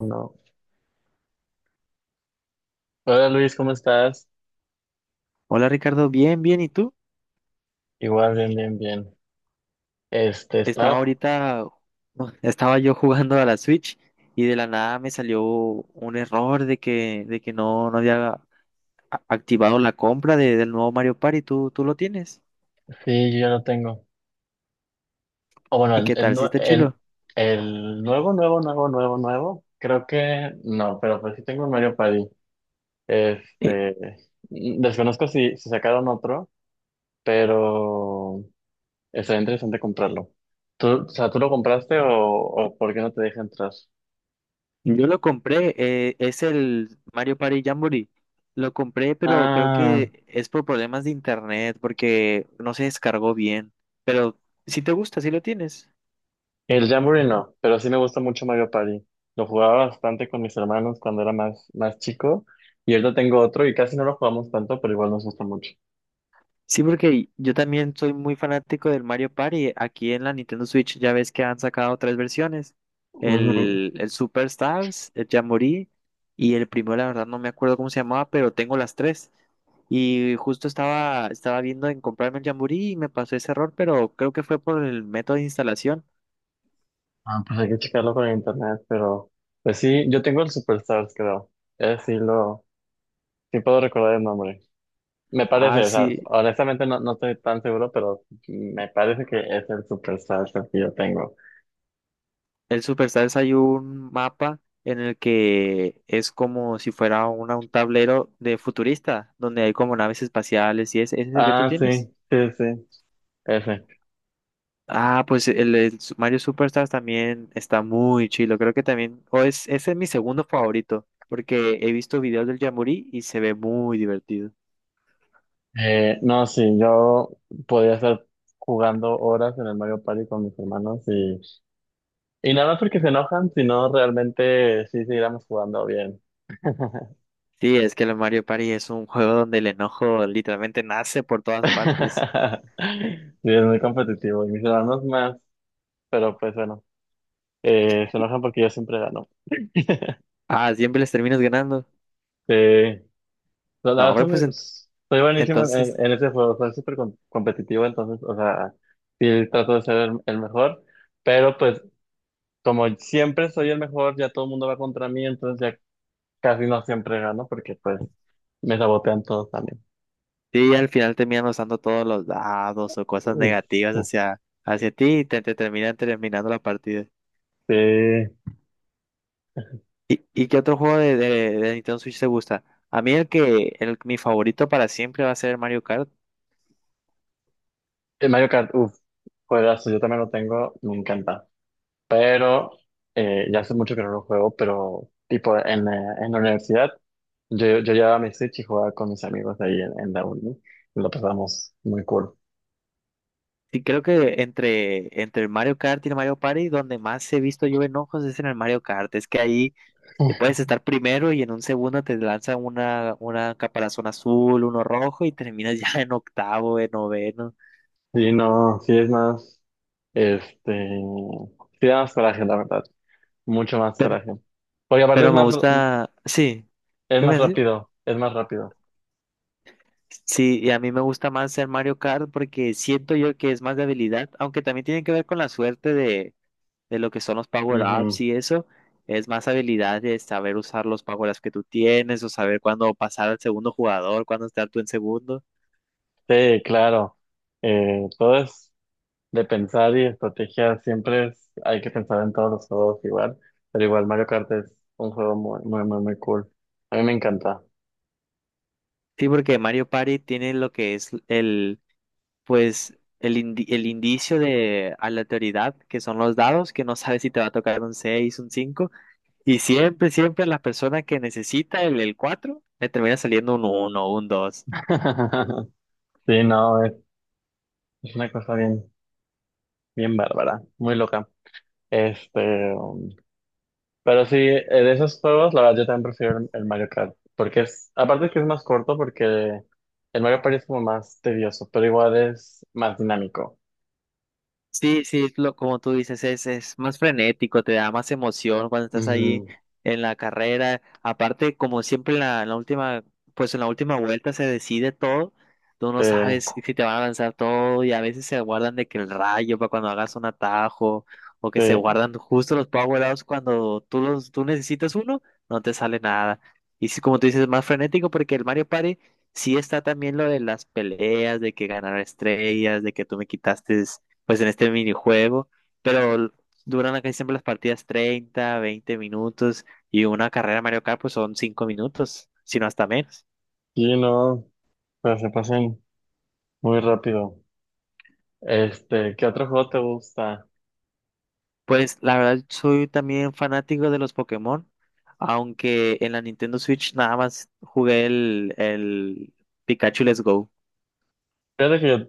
No. Hola Luis, ¿cómo estás? Hola Ricardo, bien, bien, ¿y tú? Igual, bien, bien, bien. Estaba Está. ahorita, no, estaba yo jugando a la Switch y de la nada me salió un error de que no, no había a- activado la compra de- del nuevo Mario Party. ¿¿Tú lo tienes? Sí, yo ya lo tengo. O bueno, ¿Y qué tal? ¿Sí nue- está el, chilo? el nuevo. Creo que no, pero pues sí tengo un Mario Party. Eh, Este, desconozco si sacaron otro, pero estaría interesante comprarlo. ¿Tú lo compraste o por qué no te deja entrar? yo lo compré, es el Mario Party Jamboree. Lo compré, pero creo Ah. que es por problemas de internet porque no se descargó bien. Pero si te gusta, si lo tienes. El Jamboree no, pero sí me gusta mucho Mario Party. Lo jugaba bastante con mis hermanos cuando era más chico. Y ahorita tengo otro y casi no lo jugamos tanto, pero igual nos gusta mucho. Sí, porque yo también soy muy fanático del Mario Party. Aquí en la Nintendo Switch ya ves que han sacado tres versiones. Ujú. El Superstars, el Jamboree y el primero, la verdad no me acuerdo cómo se llamaba, pero tengo las tres. Y justo estaba viendo en comprarme el Jamboree y me pasó ese error, pero creo que fue por el método de instalación. Ah, pues hay que checarlo con internet, pero pues sí, yo tengo el Superstars, creo. Es sí lo, sí puedo recordar el nombre. Me Ah, parece, o sea, sí, honestamente no estoy tan seguro, pero me parece que es el Superstars el que yo tengo. el Superstars hay un mapa en el que es como si fuera un tablero de futurista, donde hay como naves espaciales y ese es el que tú Ah, sí, tienes. sí, sí, ese. Ah, pues el Su- Mario Superstars también está muy chido. Creo que también, o es, ese es mi segundo favorito, porque he visto videos del Jamboree y se ve muy divertido. No, sí, yo podría estar jugando horas en el Mario Party con mis hermanos y nada más porque se enojan, sino realmente sí seguiríamos jugando bien. Sí, es que el Mario Party es un juego donde el enojo literalmente nace por todas partes. Sí, es muy competitivo y mis hermanos más, pero pues bueno, se enojan porque yo siempre gano. Ah, siempre les terminas ganando. Eh, la No, verdad hombre, soy, muy- pues en- soy buenísimo entonces, en ese juego, soy súper com- competitivo, entonces, o sea, sí trato de ser el mejor, pero pues como siempre soy el mejor, ya todo el mundo va contra mí, entonces casi no siempre gano porque pues me sabotean todos también. sí, al final terminan usando todos los dados o cosas Uf, negativas uf. hacia ti y te terminan terminando la partida. Sí. Y qué otro juego de Nintendo Switch te gusta? A mí el que, el, mi favorito para siempre va a ser el Mario Kart. El Mario Kart, uff, juegazo, yo también lo tengo, me encanta. Pero ya hace mucho que no lo juego, pero tipo en la universidad yo llevaba mi Switch y jugaba con mis amigos ahí en la uni. Y lo pasamos muy cool. Y creo que entre el Mario Kart y el Mario Party, donde más he visto yo enojos es en el Mario Kart. Es que ahí te puedes estar primero y en un segundo te lanza una caparazón azul, uno rojo y terminas ya en octavo, en noveno. Sí, no, sí es más, este, sí da más coraje, la verdad, mucho más Pero, coraje. Porque aparte pero es me gusta, sí, es ¿qué más me decís? rápido, es más rápido. Sí, y a mí me gusta más ser Mario Kart porque siento yo que es más de habilidad, aunque también tiene que ver con la suerte de lo que son los power-ups y eso. Es más habilidad de saber usar los power-ups que tú tienes o saber cuándo pasar al segundo jugador, cuándo estar tú en segundo. Sí, claro. Todo es de pensar y estrategia. Siempre es, hay que pensar en todos los juegos igual. Pero igual Mario Kart es un juego muy, muy, muy, muy cool. A mí me encanta. Sí, porque Mario Party tiene lo que es el, pues, el, el indicio de aleatoriedad, que son los dados, que no sabes si te va a tocar un 6 un cinco. Y siempre, siempre a las personas que necesita el 4 le termina saliendo un uno un dos. Sí, no, es una cosa bien, bien bárbara, muy loca. Este, um, pero sí, de esos juegos, la verdad, yo también prefiero el Mario Kart. Porque es, aparte que es más corto, porque el Mario Party es como más tedioso, pero igual es más dinámico. Sí, sí, lo, como tú dices, es más frenético, te da más emoción cuando estás ahí Ujú. en la carrera. Aparte, como siempre en la última, pues en la última vuelta se decide todo. Tú Sí, no sabes si te van a lanzar todo y a veces se guardan de que el rayo para cuando hagas un atajo o que se sí. guardan justo los power ups cuando tú los, tú necesitas uno, no te sale nada. Y sí, como tú dices, es más frenético porque el Mario Party sí está también lo de las peleas, de que ganar estrellas, de que tú me quitaste pues en este minijuego, pero duran casi siempre las partidas 30, 20 minutos y una carrera Mario Kart pues son 5 minutos, sino hasta menos. Sí, no, pero se pasan muy rápido. ¿Qué otro juego te gusta? Pues la verdad soy también fanático de los Pokémon, aunque en la Nintendo Switch nada más jugué el Pikachu Let's Go. Fíjate que yo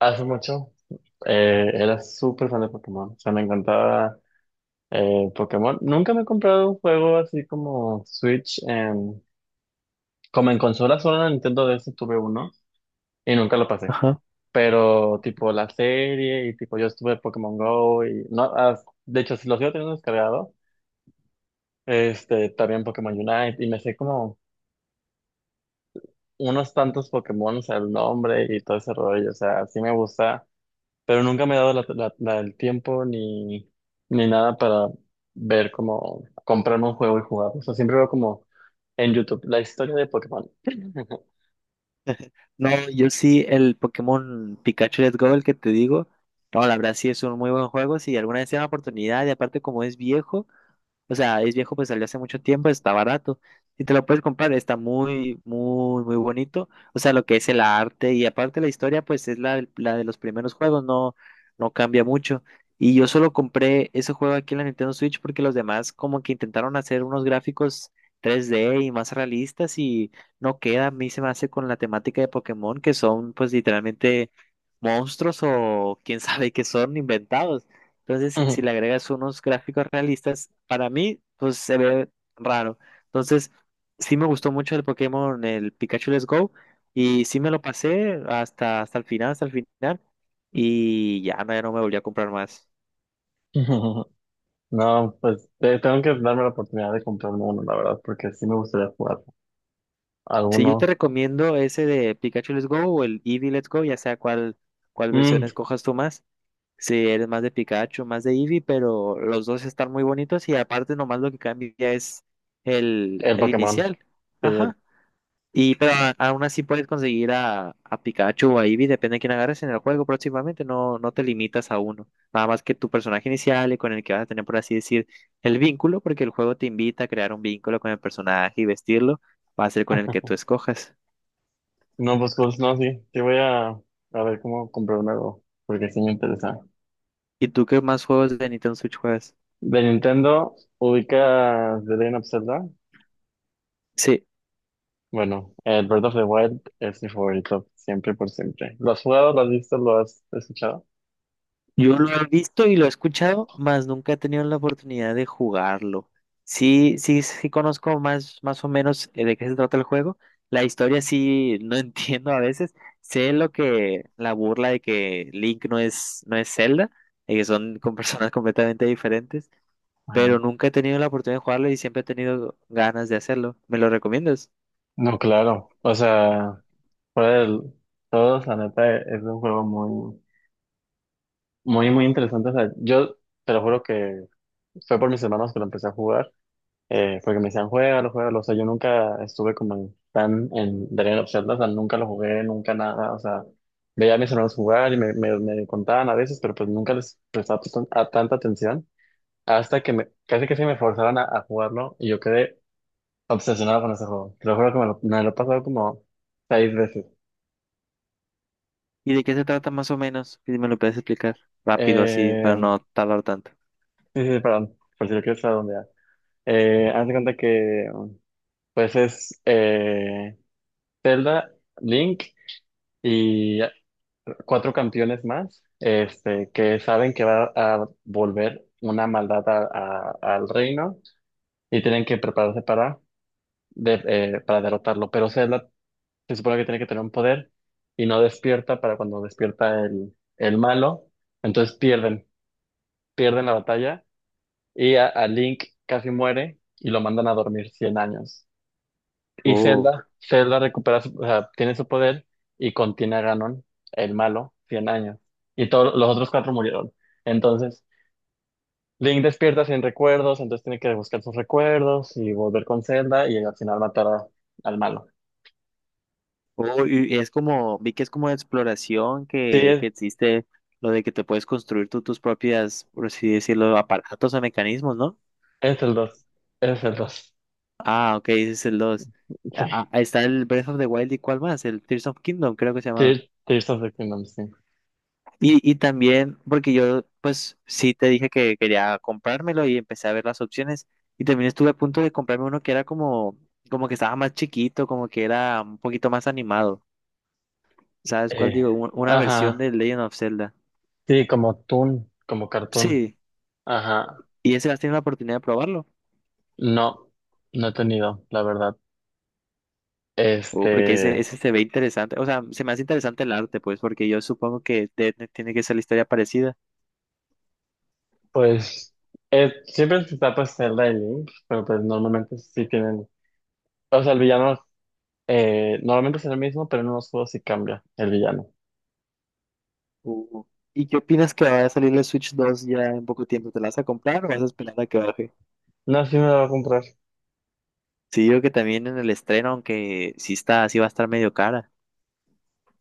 hace mucho era súper fan de Pokémon. O sea, me encantaba Pokémon. Nunca me he comprado un juego así como Switch. En- como en consola solo en Nintendo DS tuve uno y nunca lo pasé. Ajá. Pero tipo la serie y tipo yo estuve Pokémon Go y no, ah, de hecho si lo sigo teniendo descargado. También Pokémon Unite y me sé como unos tantos Pokémon, o sea el nombre y todo ese rollo, o sea, sí me gusta, pero nunca me he dado el tiempo ni, ni nada para ver cómo comprarme un juego y jugar. O sea, siempre veo como en YouTube la historia de Pokémon. No, yo sí, el Pokémon Pikachu Let's Go, el que te digo. No, la verdad sí es un muy buen juego. Si alguna vez tiene la oportunidad, y aparte como es viejo, o sea, es viejo, pues salió hace mucho tiempo, está barato. Si te lo puedes comprar, está muy, muy, muy bonito. O sea, lo que es el arte y aparte la historia, pues es la, la de los primeros juegos, no, no cambia mucho. Y yo solo compré ese juego aquí en la Nintendo Switch porque los demás como que intentaron hacer unos gráficos 3D y más realistas y no queda. A mí se me hace con la temática de Pokémon, que son pues literalmente monstruos o quién sabe qué son inventados. Entonces, si le agregas unos gráficos realistas, para mí, pues se ve raro. Entonces, sí me gustó mucho el Pokémon, el Pikachu Let's Go, y sí me lo pasé hasta, hasta el final, y ya no, ya no me volví a comprar más. No, pues te- tengo que darme la oportunidad de comprarme uno, la verdad, porque sí me gustaría jugar Sí, yo te alguno. recomiendo ese de Pikachu Let's Go o el Eevee Let's Go, ya sea cuál, cuál versión Mm, escojas tú más. Si eres más de Pikachu, más de Eevee, pero los dos están muy bonitos y aparte nomás lo que cambia es el, el el Pokémon, inicial. sí, el- Ajá. Y pero aún así puedes conseguir a Pikachu o a Eevee, depende de quién agarres en el juego próximamente, no, no te limitas a uno. Nada más que tu personaje inicial y con el que vas a tener, por así decir, el vínculo, porque el juego te invita a crear un vínculo con el personaje y vestirlo, va a ser con el que tú escojas. No, pues Coles, no, sí. Sí voy a ver cómo comprar un algo, porque sí me interesa. ¿Y tú qué más juegos de Nintendo Switch juegas? De Nintendo, ubicas The Legend of Zelda. Sí. Bueno, el Breath of the Wild es mi favorito, siempre por siempre. ¿Lo has jugado, lo has visto, lo has escuchado? Yo lo he visto y lo he escuchado, mas nunca he tenido la oportunidad de jugarlo. Sí, sí, sí conozco más, más o menos de qué se trata el juego. La historia sí no entiendo a veces. Sé lo que, la burla de que Link no es, no es Zelda, y que son con personas completamente diferentes, pero Ah, nunca he tenido la oportunidad de jugarlo y siempre he tenido ganas de hacerlo. ¿Me lo recomiendas? no, claro. O sea, fuera del todo, la neta, es un juego muy, muy, muy interesante. O sea, yo te lo juro que fue por mis hermanos que lo empecé a jugar. Porque me decían, juégalo, juégalo, o sea, yo nunca estuve como en- tan en The Legend of Zelda, o sea, nunca lo jugué, nunca nada, o sea, veía a mis hermanos jugar y me contaban a veces, pero pues nunca les prestaba tan- a tanta atención, hasta que me, casi que se me forzaron a jugarlo y yo quedé obsesionado con ese juego, te lo juro que me lo he pasado como seis veces. ¿Y de qué se trata más o menos? Si me lo puedes explicar rápido así para Eh, no tardar tanto. sí, sí, perdón, por si lo quieres redondear. Haz de cuenta que, pues es Zelda, Link, y cuatro campeones más, que saben que va a volver una maldad al reino y tienen que prepararse para, para derrotarlo. Pero Zelda se supone que tiene que tener un poder y no despierta para cuando despierta el malo. Entonces pierden, pierden la batalla y a Link casi muere y lo mandan a dormir 100 años. Y Oh. Zelda recupera, su- o sea, tiene su poder y contiene a Ganon, el malo, 100 años. Y todos los otros cuatro murieron. Entonces, Link despierta sin recuerdos, entonces tiene que buscar sus recuerdos y volver con Zelda y al final matar a- al malo. Oh, y es como, vi que es como de exploración Sí, que existe lo de que te puedes construir tú tus propias, por así decirlo, aparatos o mecanismos, ¿no? es el 2. Es el 2. Ah, ok, ese es el dos. Sí. Ah, ah, está el Breath of the Wild y cuál más, el Tears of Kingdom, creo que se llamaba. Tear- Tears of the Kingdom, sí. Y también, porque yo, pues sí te dije que quería comprármelo y empecé a ver las opciones. Y también estuve a punto de comprarme uno que era como, como que estaba más chiquito, como que era un poquito más animado. ¿Sabes cuál Eh, digo? Una versión ajá. de Legend of Zelda. Sí, como Toon, como Cartoon. Sí, Ajá. y ese vas a tener la oportunidad de probarlo. No, no he tenido, la verdad. O porque ese, Este. ese se ve interesante. O sea, se me hace interesante el arte, pues, porque yo supongo que tiene que ser la historia parecida. Pues siempre se está pues Zelda y Link, pero pues normalmente sí tienen, o sea, el villano normalmente es el mismo, pero en unos juegos sí cambia el villano. Uh, ¿Y qué opinas que vaya a salir la Switch 2 ya en poco tiempo? ¿Te la vas a comprar o vas a esperar a que baje? No, sí me lo voy a comprar. Sí, yo que también en el estreno, aunque sí está, sí va a estar medio cara.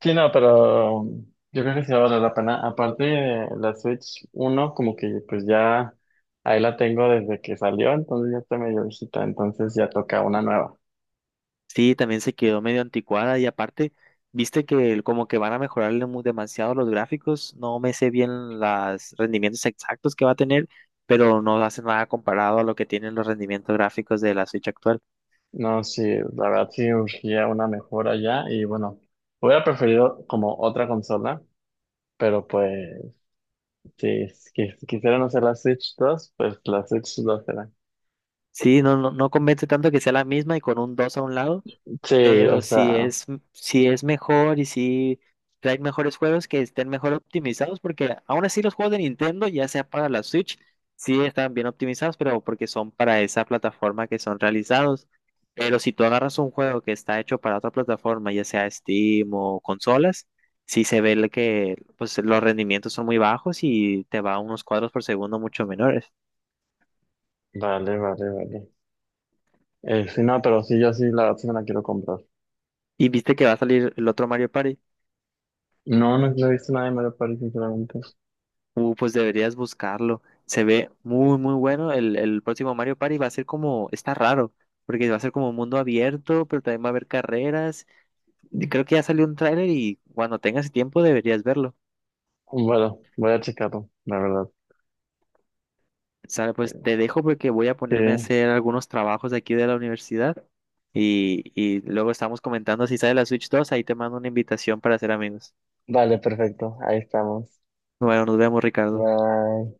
Sí, no, pero yo creo que sí va a valer la pena. Aparte de la Switch uno como que pues ya ahí la tengo desde que salió, entonces ya está medio viejita, entonces ya toca una nueva. Sí, también se quedó medio anticuada y aparte, viste que como que van a mejorarle demasiado los gráficos, no me sé bien los rendimientos exactos que va a tener, pero no hace nada comparado a lo que tienen los rendimientos gráficos de la Switch actual. No, sí, la verdad sí urgía una mejora ya y bueno, hubiera preferido como otra consola, pero pues... Sí, es que si quisieran hacer las Switch 2 pues las Switch 2 serán. Sí, no, no, no convence tanto que sea la misma y con un 2 a un lado. Sí, o Pero sea, si es, si es mejor y si trae mejores juegos que estén mejor optimizados, porque aún así los juegos de Nintendo, ya sea para la Switch, sí están bien optimizados, pero porque son para esa plataforma que son realizados. Pero si tú agarras un juego que está hecho para otra plataforma, ya sea Steam o consolas, sí se ve el que pues, los rendimientos son muy bajos y te va a unos cuadros por segundo mucho menores. Vale. Sí, no, pero sí, yo sí verdad sí me la quiero comprar. Y viste que va a salir el otro Mario Party. No, no he visto nadie me lo París, sinceramente. Pues deberías buscarlo. Se ve muy, muy bueno. El próximo Mario Party va a ser como, está raro, porque va a ser como un mundo abierto, pero también va a haber carreras. Y creo que ya salió un tráiler y cuando tengas tiempo deberías verlo. Bueno, voy a checarlo, la verdad. Sale, pues te dejo porque voy a Sí, ponerme a hacer algunos trabajos de aquí de la universidad y luego estamos comentando si sale la Switch 2 ahí te mando una invitación para ser amigos. vale, perfecto, ahí estamos. Bueno, nos vemos, Ricardo. Bye.